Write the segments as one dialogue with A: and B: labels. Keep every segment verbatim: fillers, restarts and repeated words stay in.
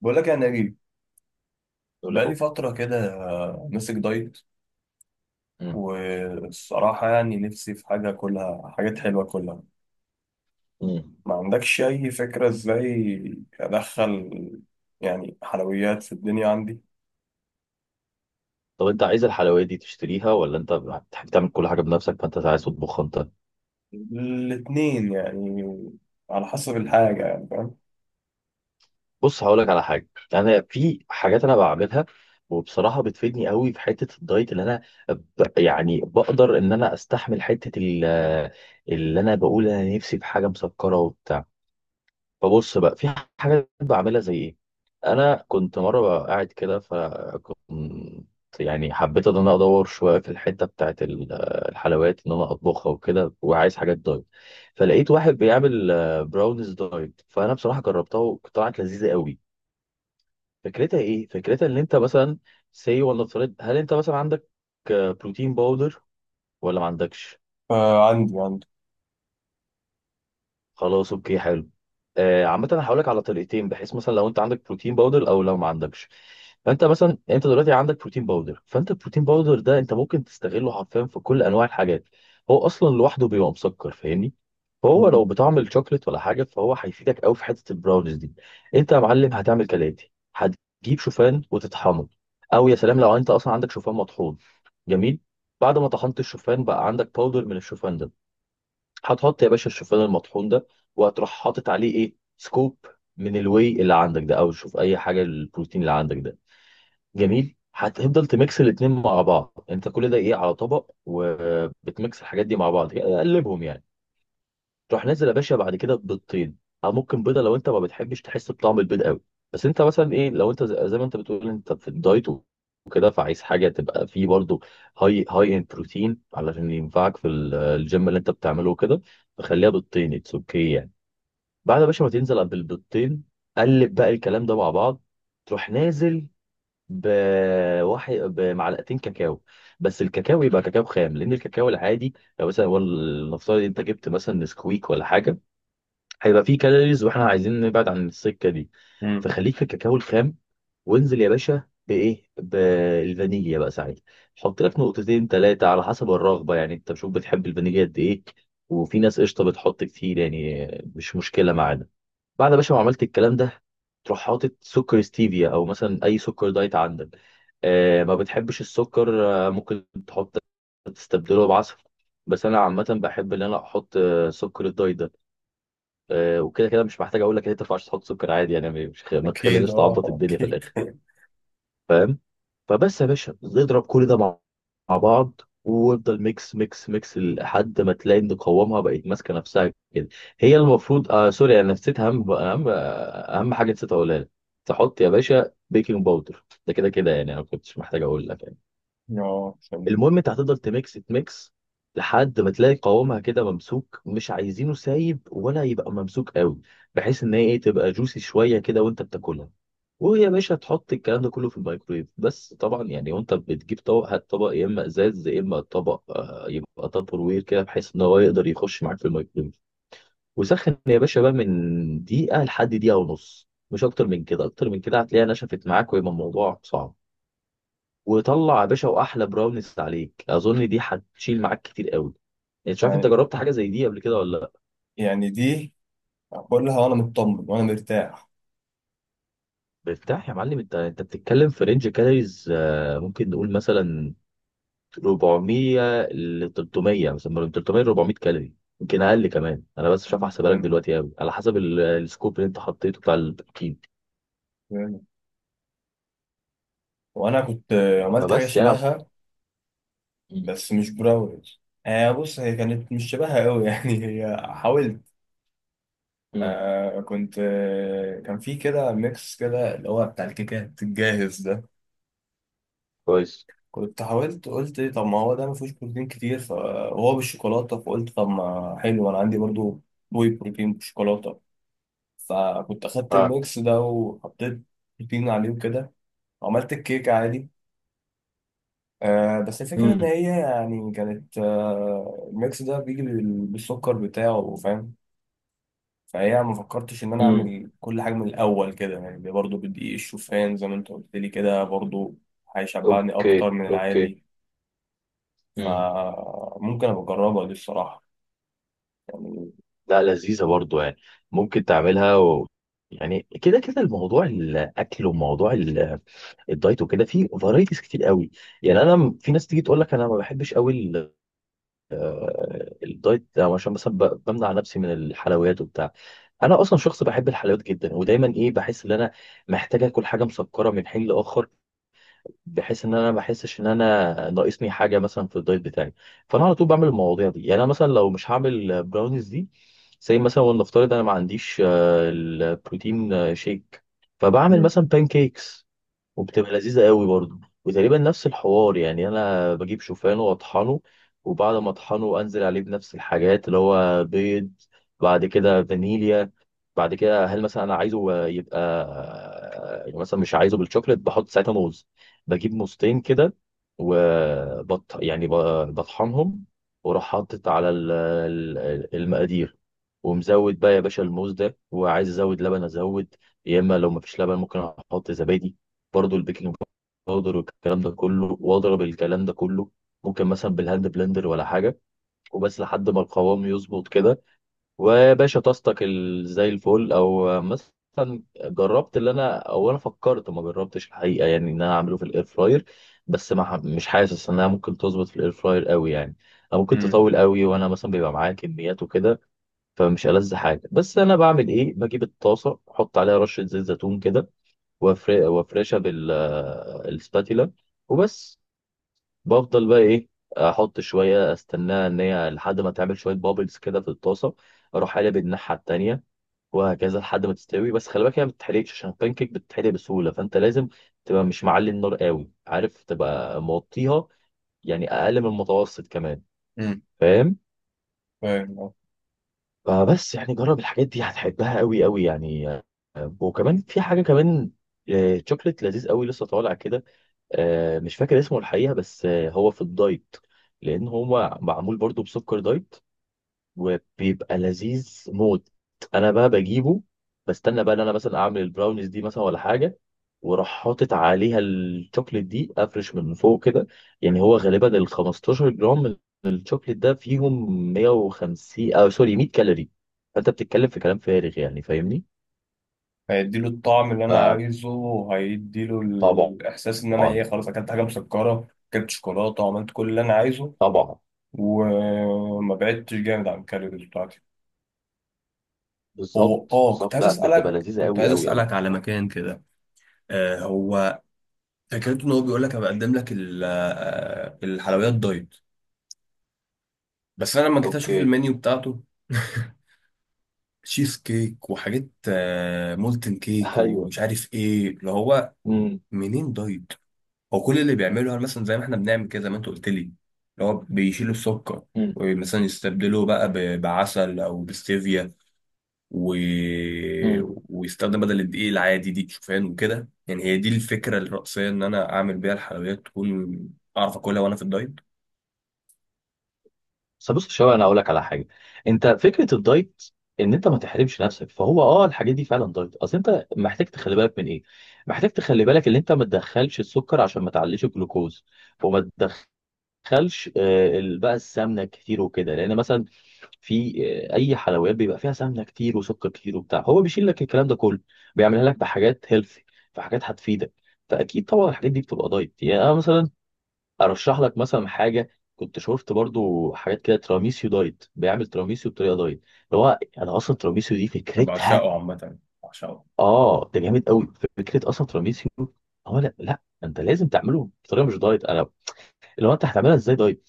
A: بقول لك يا نبيل،
B: ولا
A: بقالي
B: حب.
A: فترة كده آه، ماسك دايت.
B: مم.
A: والصراحة يعني نفسي في حاجة، كلها حاجات حلوة كلها.
B: مم.
A: ما عندكش أي فكرة إزاي أدخل يعني حلويات في الدنيا عندي.
B: طب انت عايز الحلويات دي تشتريها ولا انت بتحب تعمل كل حاجه بنفسك؟ فانت عايز تطبخها انت؟
A: الاتنين يعني، على حسب الحاجة يعني. فاهم؟
B: بص، هقول لك على حاجه. انا في حاجات انا بعملها، وبصراحه بتفيدني قوي في حته الدايت اللي انا ب... يعني بقدر ان انا استحمل حته ال... اللي انا بقول انا نفسي في حاجه مسكره وبتاع. فبص بقى، في حاجات بعملها زي ايه. انا كنت مره بقى قاعد كده ف مم، يعني حبيت ان انا ادور شويه في الحته بتاعت ال- الحلويات، ان انا اطبخها وكده، وعايز حاجات دايت. فلقيت واحد بيعمل آه، براونيز دايت، فانا بصراحه جربتها وطلعت لذيذه قوي. فكرتها ايه؟ فكرتها ان انت مثلا سي، ولا افترض هل انت مثلا عندك آه، بروتين باودر ولا ما عندكش؟
A: فعندي عندي.
B: خلاص اوكي حلو. آه، عامة انا هقول لك على طريقتين، بحيث مثلا لو انت عندك بروتين باودر او لو ما عندكش. فانت مثلا انت دلوقتي عندك بروتين باودر، فانت البروتين باودر ده انت ممكن تستغله حرفيا في كل انواع الحاجات. هو اصلا لوحده بيبقى مسكر، فاهمني؟ فهو لو
A: مم.
B: بطعم الشوكليت ولا حاجة، فهو هيفيدك قوي في حتة البراونيز دي. انت يا معلم هتعمل كالاتي: هتجيب شوفان وتطحنه، او يا سلام لو انت اصلا عندك شوفان مطحون. جميل. بعد ما طحنت الشوفان بقى عندك باودر من الشوفان ده. هتحط يا باشا الشوفان المطحون ده، وهتروح حاطط عليه ايه؟ سكوب من الواي اللي عندك ده، او شوف اي حاجه، البروتين اللي عندك ده. جميل. هتفضل تميكس الاتنين مع بعض. انت كل ده ايه؟ على طبق، وبتميكس الحاجات دي مع بعض، قلبهم يعني. تروح نازل يا باشا بعد كده ببيضتين، او ممكن بيضه لو انت ما بتحبش تحس بطعم البيض قوي. بس انت مثلا ايه، لو انت زي زي ما انت بتقول انت في الدايت وكده، فعايز حاجه تبقى فيه برضو هاي هاي ان بروتين علشان ينفعك في ال- الجيم اللي انت بتعمله وكده، فخليها بيضتين، اتس اوكي يعني. بعد يا باشا ما تنزل بالبيضتين، قلب بقى الكلام ده مع بعض. تروح نازل بواحد بمعلقتين كاكاو، بس الكاكاو يبقى كاكاو خام، لان الكاكاو العادي، لو مثلا، والله نفترض انت جبت مثلا نسكويك ولا حاجه، هيبقى فيه كالوريز واحنا عايزين نبعد عن السكه دي.
A: مم.
B: فخليك في الكاكاو الخام، وانزل يا باشا بايه؟ بالفانيليا بقى ساعتها. حط لك نقطتين ثلاثه على حسب الرغبه، يعني انت شوف بتحب الفانيليا قد ايه، وفي ناس قشطه بتحط كتير يعني، مش مشكله معانا. بعد يا باشا ما عملت الكلام ده، تروح حاطط سكر ستيفيا او مثلا اي سكر دايت عندك. آه ما بتحبش السكر؟ آه ممكن تحط، تستبدله بعسل. بس انا عامه بحب ان انا احط آه، سكر الدايت ده. آه، وكده كده مش محتاج اقول لك ان انت ما ينفعش تحط سكر عادي، يعني مش خ- ما
A: أكيد
B: تخليناش تعبط
A: أه
B: الدنيا في
A: أكيد
B: الاخر، فاهم؟ فبس يا باشا، نضرب كل ده مع مع بعض، وافضل ميكس ميكس ميكس لحد ما تلاقي ان قوامها بقت ماسكه نفسها كده. هي المفروض آه سوري، انا نسيت اهم اهم اهم حاجه نسيت اقولها لك: تحط يا باشا بيكنج باودر، ده كده كده يعني انا ما كنتش محتاج اقول لك يعني.
A: أه عشان.
B: المهم انت هتفضل تميكس تميكس لحد ما تلاقي قوامها كده ممسوك، مش عايزينه سايب ولا يبقى ممسوك قوي، بحيث ان هي ايه، تبقى جوسي شويه كده وانت بتاكلها. وهي يا باشا، تحط الكلام ده كله في الميكرويف، بس طبعا يعني، وانت بتجيب طبق، هات طبق يا اما ازاز يا اما طبق آه، يبقى تابر وير كده، بحيث ان هو يقدر يخش معاك في الميكرويف. وسخن يا باشا بقى من دقيقه لحد دقيقه ونص، مش اكتر من كده، اكتر من كده هتلاقيها نشفت معاك ويبقى الموضوع صعب. وطلع يا باشا واحلى براونيز عليك. اظن دي هتشيل معاك كتير قوي. انت مش عارف، انت
A: يعني
B: جربت حاجه زي دي قبل كده ولا لا؟
A: يعني دي أقولها وأنا مطمن وأنا مرتاح.
B: بيرتاح يا معلم، انت انت بتتكلم في رينج كالوريز، آه، ممكن نقول مثلا أربعمية ل ثلاثمية، مثلا من ثلاثمية ل أربعمائة كالوري. يمكن اقل كمان، انا بس مش عارف احسبها لك
A: مم.
B: دلوقتي قوي على حسب ال- السكوب اللي انت حطيته بتاع البروتين.
A: وانا كنت آه، عملت حاجه
B: فبس يعني أعتقد-
A: شبهها،
B: مم.
A: بس مش براوز. آه بص، هي كانت مش شبهها قوي يعني هي حاولت.
B: مم.
A: آه كنت آه، كان في كده ميكس كده، اللي هو بتاع الكيكات الجاهز ده.
B: كويس.
A: كنت حاولت قلت إيه، طب ما هو ده ما فيهوش بروتين كتير، ف- وهو بالشوكولاته، فقلت طب ما حلو، انا عندي برضو واي بروتين بالشوكولاته. فكنت اخدت
B: اه.
A: الميكس ده وحطيت بروتين عليه وكده، وعملت الكيكه عادي. آه بس الفكرة إن
B: مم.
A: هي يعني كانت آه، الميكس ده بيجي بال- بالسكر بتاعه. فاهم؟ فهي ما فكرتش إن أنا
B: مم.
A: أعمل كل حاجة من الأول كده يعني، برضه بدقيق الشوفان زي ما أنت قلت لي كده برضه، هيشبعني
B: اوكي
A: أكتر من
B: اوكي.
A: العادي.
B: مم.
A: فممكن أبقى أجربها دي الصراحة.
B: لا لذيذة برضو يعني، ممكن تعملها و... يعني كده كده الموضوع الاكل وموضوع ال- الدايت وكده، فيه فرايتيز كتير قوي يعني. انا م- في ناس تيجي تقول لك انا ما بحبش قوي ال- الدايت ده عشان مثلا ب- بمنع نفسي من الحلويات وبتاع. انا اصلا شخص بحب الحلويات جدا، ودايما ايه، بحس ان انا محتاج اكل حاجه مسكره من حين لاخر، بحيث ان انا ما بحسش ان انا ناقصني حاجه مثلا في الدايت بتاعي. فانا على طول بعمل المواضيع دي. يعني انا مثلا لو مش هعمل براونيز دي، زي مثلا، ولنفترض انا ما عنديش آه، البروتين آه، شيك، فبعمل
A: مم.
B: مثلا بان كيكس، وبتبقى لذيذة قوي برضو. وتقريبا نفس الحوار، يعني انا بجيب شوفان واطحنه، وبعد ما اطحنه انزل عليه بنفس الحاجات، اللي هو بيض، بعد كده فانيليا، بعد كده هل مثلا انا عايزه يبقى، يعني مثلا مش عايزه بالشوكليت، بحط ساعتها موز، بجيب موزتين كده وبط يعني ب- بطحنهم. واروح حاطط على ال- ال- المقادير، ومزود بقى يا باشا الموز ده، وعايز ازود لبن ازود، يا اما لو مفيش لبن ممكن احط زبادي. برضو البيكنج باودر والكلام ده كله. واضرب الكلام ده كله ممكن مثلا بالهاند بلندر ولا حاجه، وبس لحد ما القوام يظبط كده. ويا باشا طاستك ال- زي الفل. او مثلا جربت اللي انا، او انا فكرت ما جربتش الحقيقه، يعني ان انا اعمله في الاير فراير، بس ما ح- مش حاسس انها ممكن تظبط في الاير فراير قوي يعني، او ممكن
A: مم.
B: تطول قوي، وانا مثلا بيبقى معايا كميات وكده، فمش ألذ حاجه. بس انا بعمل ايه؟ بجيب الطاسه، احط عليها رشه زيت زيتون كده وأفر- وافرشها بالسباتيلا، وبس. بفضل بقى ايه، احط شويه، استناها ان هي لحد ما تعمل شويه بابلز كده في الطاسه، اروح قلب الناحيه التانيه، وهكذا لحد ما تستوي. بس خلي بالك هي ما بتتحرقش، عشان البانكيك بتتحرق بسهوله، فانت لازم تبقى مش معلي النار قوي، عارف، تبقى موطيها، يعني اقل من المتوسط كمان،
A: مم.
B: فاهم؟
A: فاهم آه.
B: فبس يعني جرب الحاجات دي هتحبها قوي قوي يعني. آه، وكمان في حاجه كمان، آه، شوكليت لذيذ قوي لسه طالع كده. آه، مش فاكر اسمه الحقيقة بس، آه، هو في الدايت، لأن هو معمول برضو بسكر دايت، وبيبقى لذيذ موت. أنا بقى بجيبه، بستنى بقى إن أنا مثلا أعمل البراونيز دي مثلا ولا حاجة، وراح حاطط عليها الشوكليت دي، أفرش من فوق كده. يعني هو غالبا ال خمسة عشر جرام من الشوكليت ده فيهم مية وخمسين، أو سوري مية كالوري. فأنت بتتكلم في كلام فارغ يعني، فاهمني؟
A: هيديله الطعم اللي أنا عايزه، وهيديله
B: فطبعا
A: الإحساس إن أنا إيه، خلاص أكلت حاجة مسكرة، أكلت شوكولاتة وعملت كل اللي أنا عايزه،
B: طبعا.
A: وما بعدتش جامد عن الكالوريز بتاعتي. هو
B: بالظبط
A: اه، كنت
B: بالظبط،
A: عايز
B: لا بتبقى
A: اسالك،
B: لذيذة
A: كنت
B: أوي
A: عايز
B: أوي أوي.
A: اسالك على مكان كده. آه هو فكرته ان هو بيقول لك انا بقدم لك ال- آه، الحلويات دايت. بس انا لما جيت اشوف
B: اوكي.
A: المنيو بتاعته تشيز كيك وحاجات، آه، مولتن كيك
B: ايوه.
A: ومش عارف ايه اللي هو،
B: امم.
A: منين دايت؟ هو كل اللي بيعمله، هل مثلا زي ما احنا بنعمل كده زي ما انت قلت لي، اللي هو بيشيلوا السكر
B: امم.
A: ومثلا يستبدلوه بقى ب- بعسل او بستevia و...
B: امم.
A: ويستخدم بدل الدقيق العادي دقيق شوفان وكده. يعني هي دي الفكرة الرئيسية، إن أنا أعمل بيها الحلويات تكون أعرف أكلها وأنا في الدايت.
B: بس بص شويه، انا اقول لك على حاجه. انت، فكره الدايت ان انت ما تحرمش نفسك، فهو اه الحاجات دي فعلا دايت. اصل انت محتاج تخلي بالك من ايه؟ محتاج تخلي بالك ان انت ما تدخلش السكر عشان ما تعليش الجلوكوز، وما تدخلش آه، ال- بقى السمنه كتير وكده، لان مثلا في آه، اي حلويات بيبقى فيها سمنه كتير وسكر كتير وبتاع، هو بيشيل لك الكلام ده كله، بيعملها لك بحاجات هيلثي، فحاجات هتفيدك. فاكيد طبعا الحاجات دي بتبقى دايت. يعني أنا مثلا ارشح لك مثلا حاجه، كنت شفت برضو حاجات كده تراميسيو دايت. بيعمل تراميسيو بطريقه دايت، اللي هو انا اصلا تراميسيو دي
A: أنا
B: فكرتها،
A: بعشقه عامة، بعشقه.
B: اه ده جامد قوي. فكره اصلا تراميسيو، هو لا لا، انت لازم تعمله بطريقه مش دايت، انا اللي هو انت هتعملها ازاي دايت؟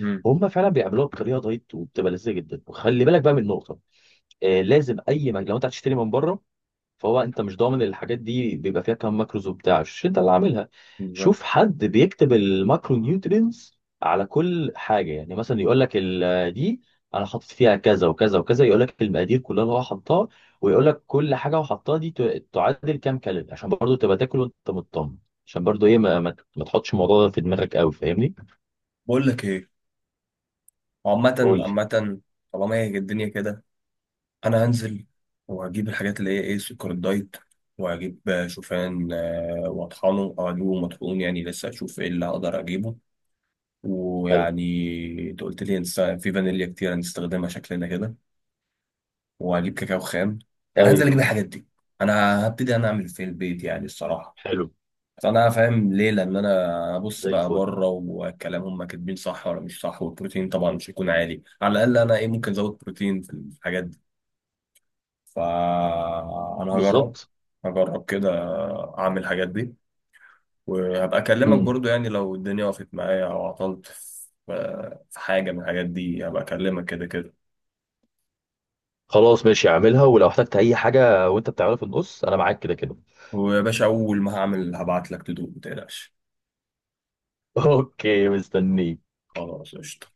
A: امم.
B: هم فعلا بيعملوها بطريقه دايت وبتبقى لذيذه جدا. وخلي بالك بقى من نقطه: آه لازم اي مكان لو انت هتشتري من بره، فهو انت مش ضامن الحاجات دي بيبقى فيها كام ماكروز وبتاع، مش انت اللي عاملها.
A: بالظبط.
B: شوف حد بيكتب الماكرو نيوترينز على كل حاجه، يعني مثلا يقول لك ال- دي انا حاطط فيها كذا وكذا وكذا، يقول لك المقادير كلها اللي هو حطها، ويقول لك كل حاجه هو حطها دي ت- تعادل كام كالوري، عشان برضو تبقى تاكل وانت مطمن، عشان برضو ايه ما, ما, ما تحطش الموضوع ده في دماغك قوي، فاهمني؟
A: بقول لك إيه، عامة
B: قول لي.
A: عامة، طالما هي الدنيا كده، أنا هنزل وهجيب الحاجات اللي هي إيه، سكر الدايت، وهجيب شوفان، آه، وأطحنه أو أجيبه مطحون، يعني لسه أشوف إيه اللي هقدر أجيبه.
B: حلو.
A: ويعني أنت قلت لي هنست- في فانيليا كتير هنستخدمها شكلنا كده، واجيب كاكاو خام. يعني هنزل اجيب
B: ايوه.
A: الحاجات دي، انا هبتدي انا اعمل في البيت يعني الصراحه.
B: حلو.
A: بس انا فاهم ليه، لان انا ابص
B: زي
A: بقى
B: الفل.
A: بره والكلام هم كاتبين صح ولا مش صح، والبروتين طبعا مش هيكون عالي، على الاقل انا ايه، ممكن ازود بروتين في الحاجات دي. فانا هجرب،
B: بالظبط.
A: هجرب كده، اعمل الحاجات دي. وهبقى اكلمك
B: مم.
A: برضو يعني، لو الدنيا وقفت معايا او عطلت في في حاجه من الحاجات دي، هبقى اكلمك كده كده.
B: خلاص ماشي، اعملها، ولو احتجت اي حاجه وانت بتعملها في النص انا معاك كده كده.
A: ويا باشا اول ما هعمل هبعت لك تدوق متقلقش.
B: اوكي مستنيك.
A: خلاص قشطة.